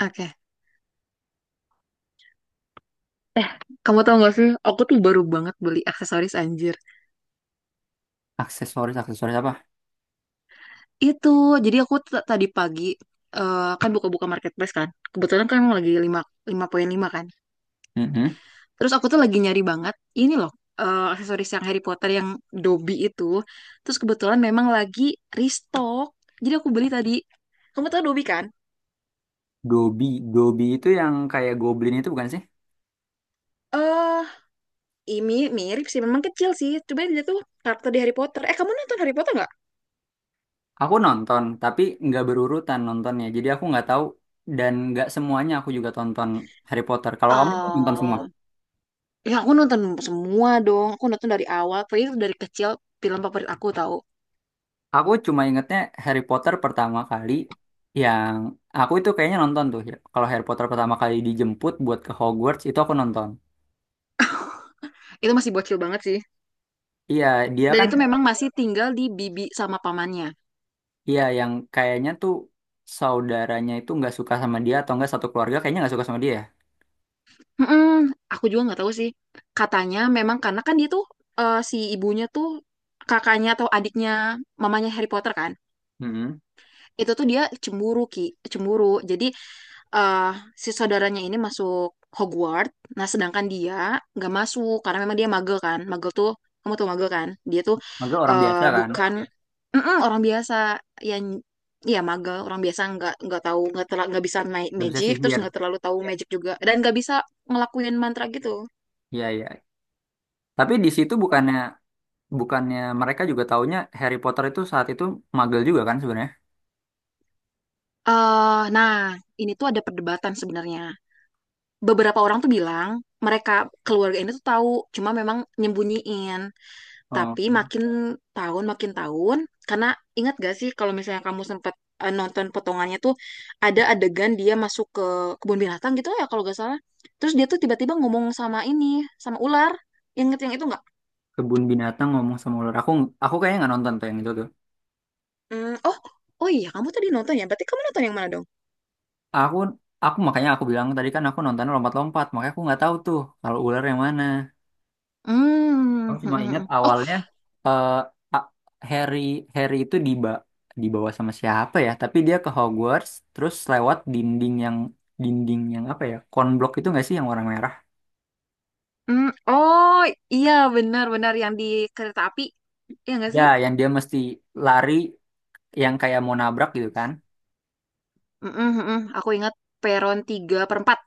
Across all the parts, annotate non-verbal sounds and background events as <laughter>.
Oke. Eh, Kamu tau gak sih? Aku tuh baru banget beli aksesoris anjir. Aksesoris, aksesoris apa? Itu, jadi aku tadi pagi kan buka-buka marketplace kan. Kebetulan kan emang lagi 5, lima koma lima kan. Mm. Terus aku tuh lagi nyari banget ini loh, aksesoris yang Harry Potter yang Dobby itu. Terus kebetulan memang lagi restock. Jadi aku beli tadi. Kamu tau Dobby kan? Gobi, Gobi itu yang kayak Goblin itu bukan sih? Eh, ini mirip sih, memang kecil sih. Coba dia tuh karakter di Harry Potter. Kamu nonton Harry Potter nggak? Aku nonton, tapi nggak berurutan nontonnya. Jadi aku nggak tahu dan nggak semuanya aku juga tonton Harry Potter. Kalau kamu nonton semua? Oh, ya aku nonton semua dong. Aku nonton dari awal. Pokoknya itu dari kecil film favorit aku tahu. Aku cuma ingetnya Harry Potter pertama kali yang aku itu kayaknya nonton tuh. Kalau Harry Potter pertama kali dijemput buat ke Hogwarts itu aku nonton. Itu masih bocil banget sih. Iya, dia Dan kan, itu memang masih tinggal di bibi sama pamannya. iya yang kayaknya tuh saudaranya itu nggak suka sama dia atau nggak satu keluarga kayaknya nggak suka sama dia, ya? Mm-mm, aku juga nggak tahu sih. Katanya memang karena kan dia tuh si ibunya tuh kakaknya atau adiknya mamanya Harry Potter kan. Mm-mm. Itu tuh dia cemburu Ki, cemburu. Jadi eh si saudaranya ini masuk Hogwarts. Nah, sedangkan dia nggak masuk karena memang dia magel kan. Magel tuh kamu tuh magel kan? Dia tuh Magel orang eh, biasa kan, bukan mm-mm, orang biasa yang ya magel, orang biasa nggak tahu nggak bisa naik nggak bisa magic, terus sihir. nggak terlalu tahu magic juga dan nggak bisa ngelakuin mantra gitu. Iya, iya. Tapi di situ bukannya bukannya mereka juga taunya Harry Potter itu saat itu magel juga kan sebenarnya. Nah, ini tuh ada perdebatan sebenarnya. Beberapa orang tuh bilang mereka keluarga ini tuh tahu, cuma memang nyembunyiin. Tapi Oh, makin tahun, karena ingat gak sih kalau misalnya kamu sempat nonton potongannya tuh ada adegan dia masuk ke kebun binatang gitu ya kalau gak salah. Terus dia tuh tiba-tiba ngomong sama ini, sama ular. Ingat yang itu nggak? kebun binatang ngomong sama ular. Aku kayaknya nggak nonton tuh yang itu tuh. Hmm, oh, iya kamu tadi nonton ya. Berarti kamu nonton yang mana dong? Aku aku makanya aku bilang tadi kan aku nonton lompat-lompat, makanya aku nggak tahu tuh kalau ular yang mana. Hmm. Aku cuma ingat <laughs> Oh, awalnya eh A- Harry Harry itu dibawa sama siapa ya? Tapi dia ke Hogwarts terus lewat dinding yang apa ya? Konblok itu nggak sih yang warna merah? hmm. Oh, iya benar-benar yang di kereta api. Iya nggak Ya, sih? yang dia mesti lari yang kayak mau nabrak gitu kan. Mm-mm, mm-mm. Aku ingat peron 3 per 4.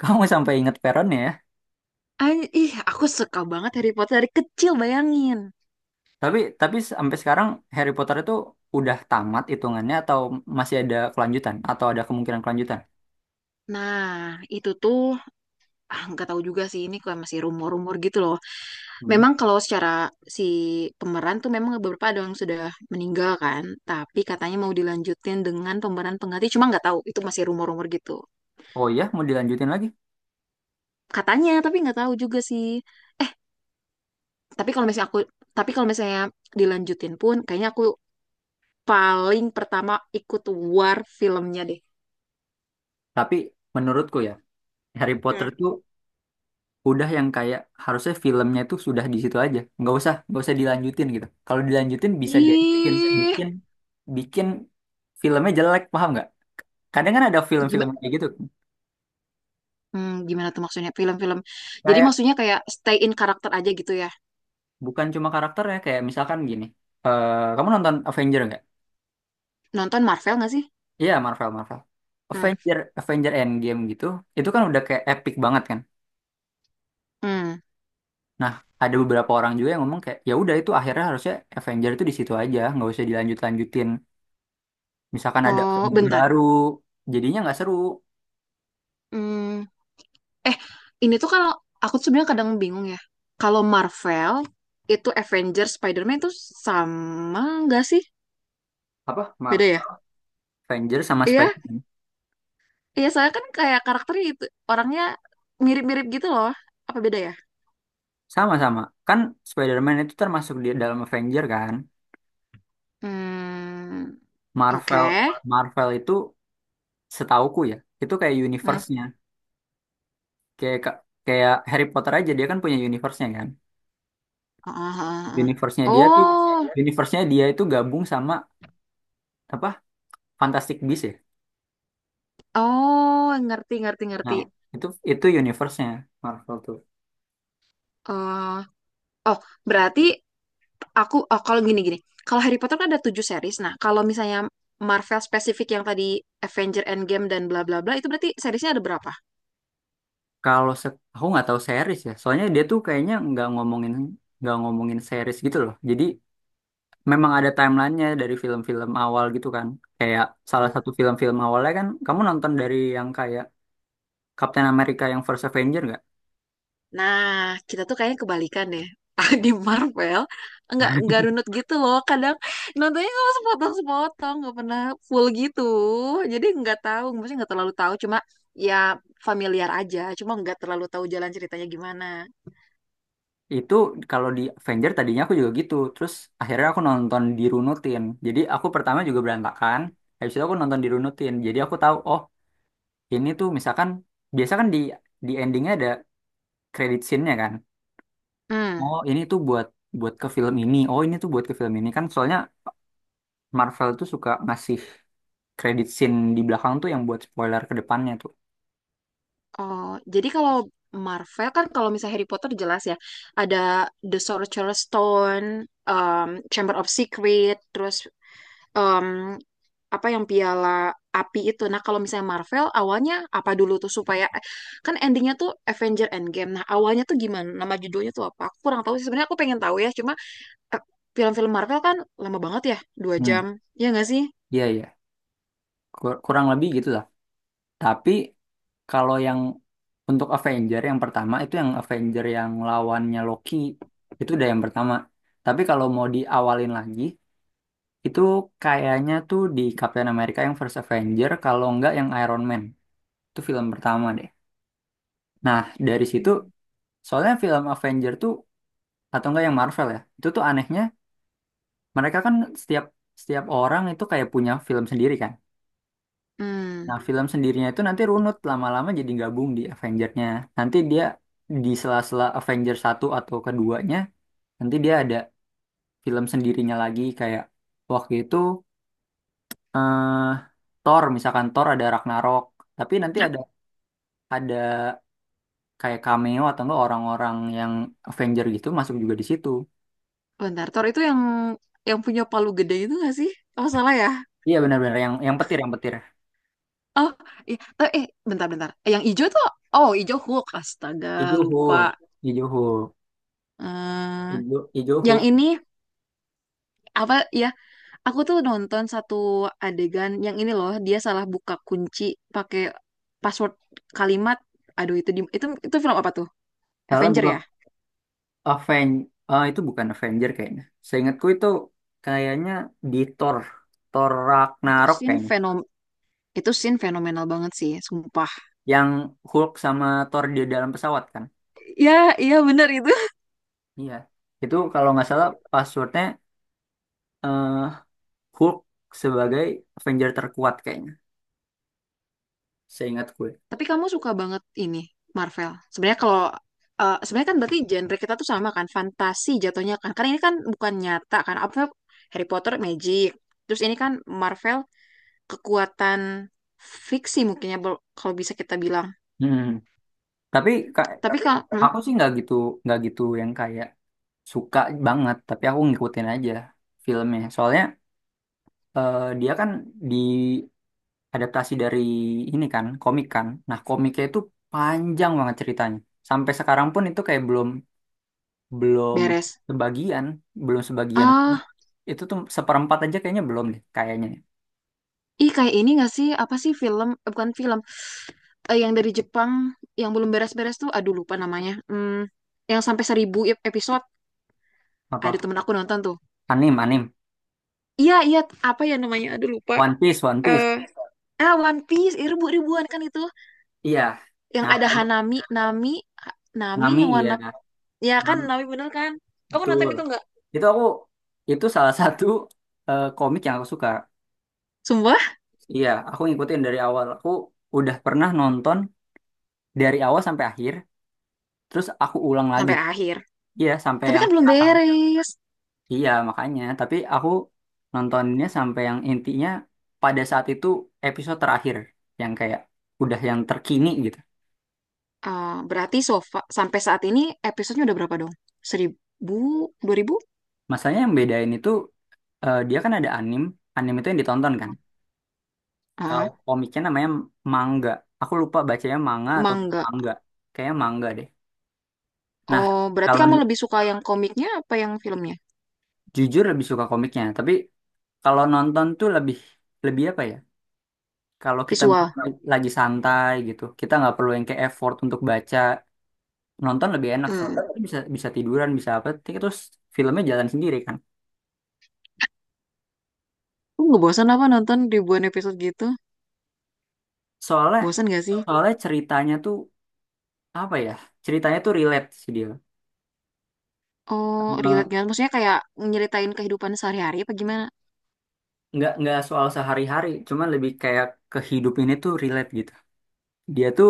Kamu <laughs> sampai inget peronnya ya. An ih, aku suka banget Harry Potter dari kecil, bayangin. Tapi sampai sekarang Harry Potter itu udah tamat hitungannya atau masih ada kelanjutan atau ada kemungkinan kelanjutan? Nah, itu tuh nggak tahu juga sih ini kayak masih rumor-rumor gitu loh. Hmm. Memang kalau secara si pemeran tuh memang beberapa ada yang sudah meninggal kan, tapi katanya mau dilanjutin dengan pemeran pengganti. Cuma nggak tahu, itu masih rumor-rumor gitu. Oh iya, mau dilanjutin lagi. Katanya, tapi nggak tahu juga sih. Eh, tapi kalau misalnya aku, tapi kalau misalnya dilanjutin pun, kayaknya aku paling pertama ikut war filmnya deh. Tapi menurutku ya, Harry Potter Hmm. itu udah yang kayak harusnya filmnya tuh sudah di situ aja. Nggak usah dilanjutin gitu. Kalau dilanjutin bisa jadi bikin Ih, bikin bikin filmnya jelek, paham nggak? Kadang kan ada film-film gimana? kayak gitu. Hmm, gimana tuh maksudnya film-film? Jadi Kayak maksudnya kayak stay in karakter aja gitu ya. Bukan cuma karakter ya, kayak misalkan gini. Kamu nonton Avenger nggak? Nonton Marvel nggak sih? Iya, Marvel, Marvel. Hmm. Avenger, Avenger Endgame gitu, itu kan udah kayak epic banget kan. Hmm. Nah, ada beberapa orang juga yang ngomong kayak, ya udah itu akhirnya harusnya Avenger itu di situ aja, nggak usah dilanjut-lanjutin. Misalkan ada Oh, Avenger bentar. baru, jadinya nggak seru. Hmm. Eh, ini tuh kalau aku tuh sebenarnya kadang bingung ya. Kalau Marvel itu Avengers, Spider-Man itu sama nggak sih? Apa? Beda Marvel, ya? Avenger sama Iya, Spider-Man. iya saya kan kayak karakternya itu orangnya mirip-mirip gitu loh. Apa beda ya? Sama-sama. Kan Spider-Man itu termasuk di dalam Avenger kan. Hmm. Oke. Marvel, Marvel itu setauku ya, itu kayak Hmm. universe-nya. Kayak kayak Harry Potter aja dia kan punya universe-nya kan. Ah, ah, ah, ah. universe-nya dia tuh Oh, universe-nya dia itu gabung sama apa Fantastic Beasts ya, oh, ngerti, ngerti, ngerti. nah itu universe-nya Marvel tuh. Oh. Oh, berarti aku oh, kalau gini-gini. Kalau Harry Potter kan ada tujuh series. Nah, kalau misalnya Marvel spesifik yang tadi Avenger Endgame dan bla bla bla itu berarti seriesnya ada berapa? Kalau aku nggak tahu series ya, soalnya dia tuh kayaknya nggak ngomongin series gitu loh. Jadi memang ada timelinenya dari film-film awal gitu kan, kayak salah satu film-film awalnya kan kamu nonton dari yang kayak Captain America yang First Avenger. Nah, kita tuh kayaknya kebalikan deh. <laughs> Di Marvel nggak runut gitu loh. Kadang nontonnya kalau sepotong-sepotong nggak pernah full gitu. Jadi nggak tahu, maksudnya nggak terlalu tahu. Cuma ya familiar aja. Cuma nggak terlalu tahu jalan ceritanya gimana. Itu kalau di Avenger tadinya aku juga gitu. Terus akhirnya aku nonton dirunutin. Jadi aku pertama juga berantakan. Habis itu aku nonton dirunutin. Jadi aku tahu, oh ini tuh misalkan biasa kan di endingnya ada credit scene-nya kan. Hmm. Oh ini tuh buat buat ke film ini. Oh ini tuh buat ke film ini kan. Soalnya Marvel tuh suka ngasih credit scene di belakang tuh yang buat spoiler ke depannya tuh. Oh, jadi kalau Marvel kan kalau misalnya Harry Potter jelas ya, ada The Sorcerer's Stone, um, Chamber of Secret, terus um, apa yang piala api itu. Nah, kalau misalnya Marvel awalnya apa dulu tuh supaya kan endingnya tuh Avenger Endgame. Nah, awalnya tuh gimana? Nama judulnya tuh apa? Aku kurang tahu sih. Sebenarnya aku pengen tahu ya, cuma eh, film-film Marvel kan lama banget ya, 2 jam. Hmm. Ya nggak sih? Iya, iya. Kurang lebih gitu lah. Tapi kalau yang untuk Avenger yang pertama itu yang Avenger yang lawannya Loki itu udah yang pertama. Tapi kalau mau diawalin lagi itu kayaknya tuh di Captain America yang First Avenger kalau nggak yang Iron Man. Itu film pertama deh. Nah, dari situ Hmm. soalnya film Avenger tuh atau enggak yang Marvel ya. Itu tuh anehnya mereka kan setiap setiap orang itu kayak punya film sendiri kan. Hmm. Nah, film sendirinya itu nanti runut lama-lama jadi gabung di Avengers-nya. Nanti dia di sela-sela Avengers satu atau keduanya, nanti dia ada film sendirinya lagi kayak waktu itu eh, Thor, misalkan Thor ada Ragnarok, tapi nanti ada ada kayak cameo atau enggak orang-orang yang Avenger gitu masuk juga di situ. Bentar, Thor itu yang punya palu gede itu nggak sih? Oh, salah ya? Iya benar-benar yang petir yang petir. Oh, iya. Eh, eh, bentar-bentar. Yang hijau tuh, oh, hijau Hulk. Astaga, Ijo lupa. Hulk, Ijo Hulk, eh Ijo Ijo yang Hulk. ini apa ya? Aku tuh nonton satu adegan yang ini loh. Dia salah buka kunci pakai password kalimat. Aduh, itu di, itu film apa tuh? Salah Avenger buka. ya? Aven ah, itu bukan Avenger kayaknya. Seingatku itu kayaknya di Thor, Thor Itu Ragnarok scene kayaknya. fenom itu scene fenomenal banget sih, sumpah. Yang Hulk sama Thor di dalam pesawat kan? Ya, iya bener itu. Iya. Itu kalau nggak salah passwordnya eh, Hulk sebagai Avenger terkuat kayaknya. Seingat gue. Tapi kamu suka banget ini Marvel. Sebenarnya kan berarti genre kita tuh sama kan, fantasi jatuhnya kan. Karena ini kan bukan nyata kan. Apa ya, Harry Potter magic. Terus ini kan Marvel kekuatan fiksi mungkin ya kalau bisa kita bilang. Hmm. Tapi Kak, Tapi kalau aku sih nggak gitu yang kayak suka banget. Tapi aku ngikutin aja filmnya. Soalnya dia kan adaptasi dari ini kan komik kan, nah komiknya itu panjang banget ceritanya. Sampai sekarang pun itu kayak belum belum beres. sebagian. belum sebagian Ah, itu tuh seperempat aja kayaknya belum deh kayaknya. ih kayak ini gak sih? Apa sih film? Bukan film. Yang dari Jepang yang belum beres-beres tuh. Aduh lupa namanya. Hmm, yang sampai 1.000 episode. Apa Ada temen aku nonton tuh. anim anim? Iya, iya. Apa ya namanya? Aduh lupa. One Piece, One Piece. Eh, One Piece, ribuan kan itu. Iya, Yang nah ada kalau Hanami, Nami, Nami Nami. yang Iya, warna, ya kan Nam Nami bener kan? Kamu betul. nonton itu nggak? Itu aku itu salah satu komik yang aku suka. Sumpah, Iya, aku ngikutin dari awal, aku udah pernah nonton dari awal sampai akhir terus aku ulang lagi. sampai akhir. Iya, sampai Tapi yang kan belum sekarang. beres. Iya, makanya. Tapi aku nontonnya sampai yang intinya pada saat itu episode terakhir yang kayak udah yang terkini gitu. Ah, berarti sofa sampai saat ini episodenya udah berapa dong? 1.000, 2.000? Masalahnya yang bedain itu dia kan ada anim, anim itu yang ditonton kan. Kalau Ah, komiknya namanya manga. Aku lupa bacanya manga atau mangga. mangga. Kayaknya mangga deh. Nah, Oh, berarti kalau kamu lebih suka yang komiknya apa yang filmnya? jujur lebih suka komiknya, tapi kalau nonton tuh lebih lebih apa ya? Kalau kita Visual. misalnya lagi santai gitu, kita nggak perlu yang kayak effort untuk baca. Nonton lebih enak sih, Hmm. bisa bisa tiduran, bisa apa, terus filmnya jalan sendiri kan. Lu nggak bosan apa nonton ribuan episode gitu? Soalnya Bosan gak sih? soalnya ceritanya tuh apa ya, ceritanya tuh relate sih dia. Oh, relate Eh, gak? Maksudnya kayak nyeritain kehidupan sehari-hari apa gimana? nggak soal sehari-hari, cuman lebih kayak kehidupan ini tuh relate gitu. Dia tuh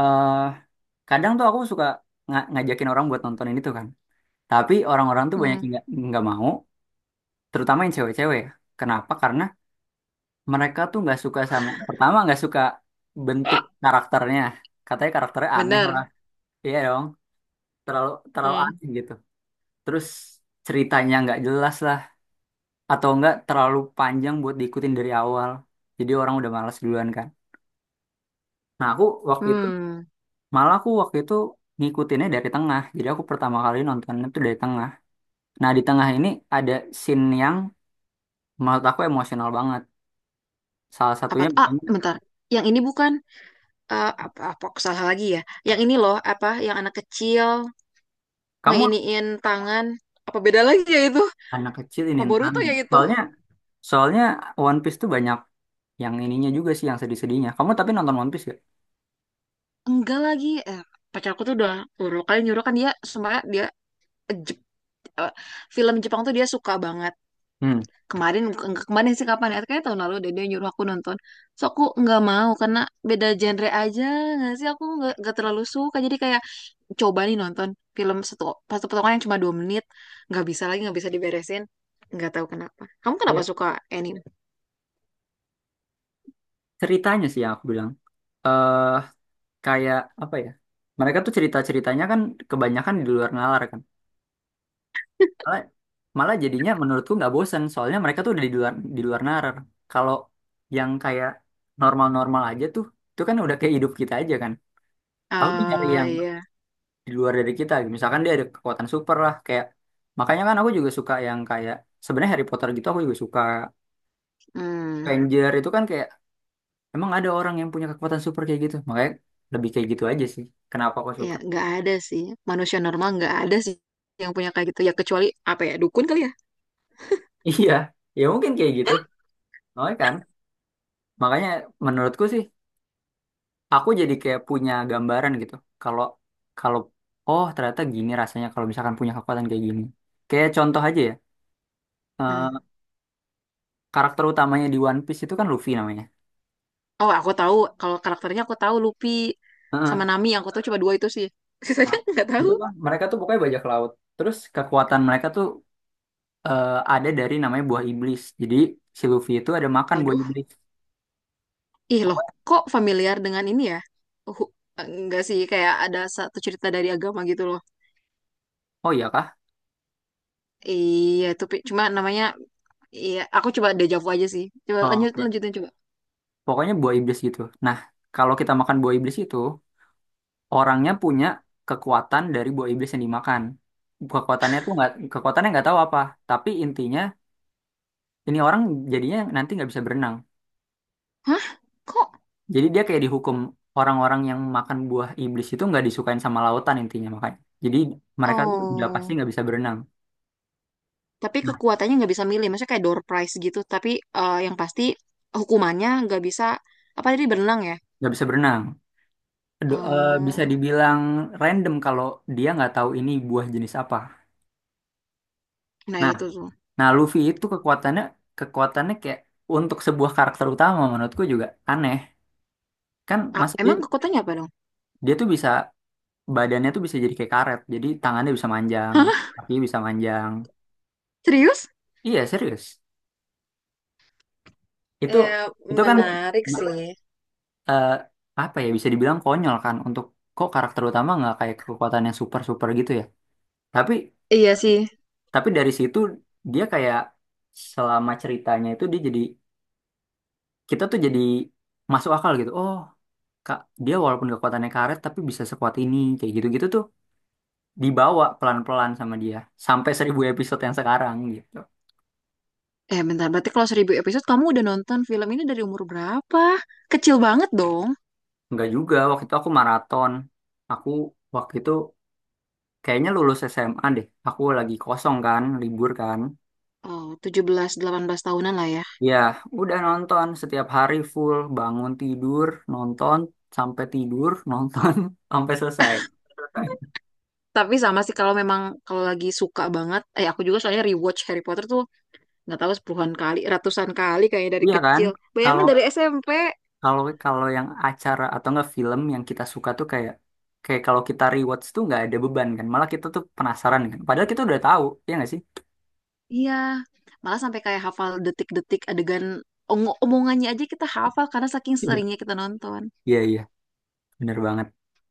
eh kadang tuh aku suka ngajakin orang buat nonton ini tuh kan, tapi orang-orang tuh banyak Hmm. yang nggak mau, terutama yang cewek-cewek ya. Kenapa? Karena mereka tuh nggak suka. Sama, pertama nggak suka bentuk karakternya, katanya karakternya aneh lah. Bener. Iya dong. Terlalu terlalu Hmm. aneh gitu. Terus ceritanya nggak jelas lah, atau enggak terlalu panjang buat diikutin dari awal. Jadi orang udah malas duluan kan. Nah aku waktu itu Hmm, malah aku waktu itu ngikutinnya dari tengah. Jadi aku pertama kali nontonnya tuh dari tengah. Nah di tengah ini ada scene yang menurut aku emosional banget. Salah apa satunya tuh? Ah, pokoknya bentar. Yang ini bukan eh, apa, apa aku salah lagi ya? Yang ini loh, apa yang anak kecil kamu ngeiniin tangan. Apa beda lagi ya itu? anak kecil ini Apa Intan. Boruto ya itu? Soalnya soalnya One Piece tuh banyak yang ininya juga sih yang sedih-sedihnya. Kamu tapi nonton One Piece gak? Enggak lagi. Pacarku tuh udah beberapa kali nyuruh kan dia sebenarnya dia eh, Jep- eh, film Jepang tuh dia suka banget. Hmm. Kemarin enggak kemarin sih kapan ya? Kayaknya tahun lalu deh dia nyuruh aku nonton. So aku nggak mau karena beda genre aja. Nggak sih aku nggak terlalu suka. Jadi kayak coba nih nonton film satu satu potongan yang cuma 2 menit, nggak bisa lagi, nggak bisa diberesin. Nggak tahu kenapa kamu Iya. suka anime. Ceritanya sih yang aku bilang. Eh kayak apa ya, mereka tuh cerita ceritanya kan kebanyakan di luar nalar kan, malah malah jadinya menurutku nggak bosen soalnya mereka tuh udah di luar nalar. Kalau yang kayak normal normal aja tuh, itu kan udah kayak hidup kita aja kan. Aku tuh nyari Ah, yang iya. di luar dari kita gitu. Misalkan dia ada kekuatan super lah, kayak makanya kan aku juga suka yang kayak sebenarnya Harry Potter gitu aku juga suka. Hmm. Ranger itu kan kayak emang ada orang yang punya kekuatan super kayak gitu, makanya lebih kayak gitu aja sih kenapa aku Ya suka. nggak ada sih, manusia normal nggak ada sih yang punya kayak gitu ya, kecuali apa ya, dukun kali ya. <laughs> Iya, ya mungkin kayak gitu. Soalnya kan, makanya menurutku sih, aku jadi kayak punya gambaran gitu. Kalau kalau oh ternyata gini rasanya kalau misalkan punya kekuatan kayak gini. Kayak contoh aja ya, eh, Hmm. karakter utamanya di One Piece itu kan Luffy namanya. Oh, aku tahu kalau karakternya. Aku tahu Luffy sama Heeh. Nami, yang aku tahu cuma dua itu sih, Nah, sisanya <laughs> nggak tahu. betul kan? Mereka tuh pokoknya bajak laut. Terus kekuatan mereka tuh ada dari namanya buah iblis. Jadi si Luffy itu ada makan buah Waduh, iblis. ih loh, Pokoknya, kok familiar dengan ini ya. Uh, enggak sih, kayak ada satu cerita dari agama gitu loh. oh iya kah? Iya, itu Pi. Cuma namanya. Iya, aku coba dejavu aja sih. Coba Oh, oke. lanjutin coba. Pokoknya buah iblis gitu. Nah, kalau kita makan buah iblis itu orangnya punya kekuatan dari buah iblis yang dimakan. Kekuatannya tuh nggak, kekuatannya nggak tahu apa, tapi intinya ini orang jadinya nanti nggak bisa berenang. Hah? Kok? Jadi dia kayak dihukum, orang-orang yang makan buah iblis itu nggak disukain sama lautan intinya makanya. Jadi mereka tuh udah pasti Oh, nggak bisa berenang. tapi Nah, kekuatannya nggak bisa milih. Maksudnya kayak door prize gitu. Tapi yang pasti hukumannya nggak bisa apa tadi berenang ya? nggak bisa berenang. Bisa Oh, dibilang random kalau dia nggak tahu ini buah jenis apa. nah Nah, itu tuh. nah Luffy itu kekuatannya, kekuatannya kayak untuk sebuah karakter utama menurutku juga aneh, kan Ah, masa dia. emang kekuatannya apa dong? Dia tuh bisa badannya tuh bisa jadi kayak karet. Jadi tangannya bisa manjang, Hah? kaki bisa manjang. Serius? Iya, serius. Itu Eh, itu kan menarik sih. eh, apa ya, bisa dibilang konyol kan, untuk kok karakter utama nggak kayak kekuatan yang super-super gitu ya. Tapi Iya sih. Dari situ dia kayak selama ceritanya itu dia jadi, kita tuh jadi masuk akal gitu. Oh, Kak, dia walaupun kekuatannya karet tapi bisa sekuat ini kayak gitu-gitu tuh dibawa pelan-pelan sama dia sampai 1.000 episode yang sekarang gitu. Eh bentar, berarti kalau 1.000 episode kamu udah nonton film ini dari umur berapa? Kecil banget dong. Enggak juga, waktu itu aku maraton. Aku waktu itu kayaknya lulus SMA deh. Aku lagi kosong kan, libur kan. Oh, 17-18 tahunan lah ya. Ya, udah nonton setiap hari full, bangun tidur, nonton sampai tidur, nonton <laughs> sampai selesai. Tapi sama sih kalau memang kalau lagi suka banget, aku juga soalnya rewatch Harry Potter tuh nggak tahu sepuluhan kali, ratusan kali kayaknya dari Iya kan? kecil. Kalau Bayangin dari SMP, kalau kalau yang acara atau enggak film yang kita suka tuh kayak kayak kalau kita rewatch tuh nggak ada beban kan. Malah kita tuh penasaran kan. Padahal kita udah tahu, ya nggak sih? iya malah sampai kayak hafal detik-detik adegan omongannya aja kita hafal karena saking Iya. seringnya kita nonton. Iya, iya, bener banget.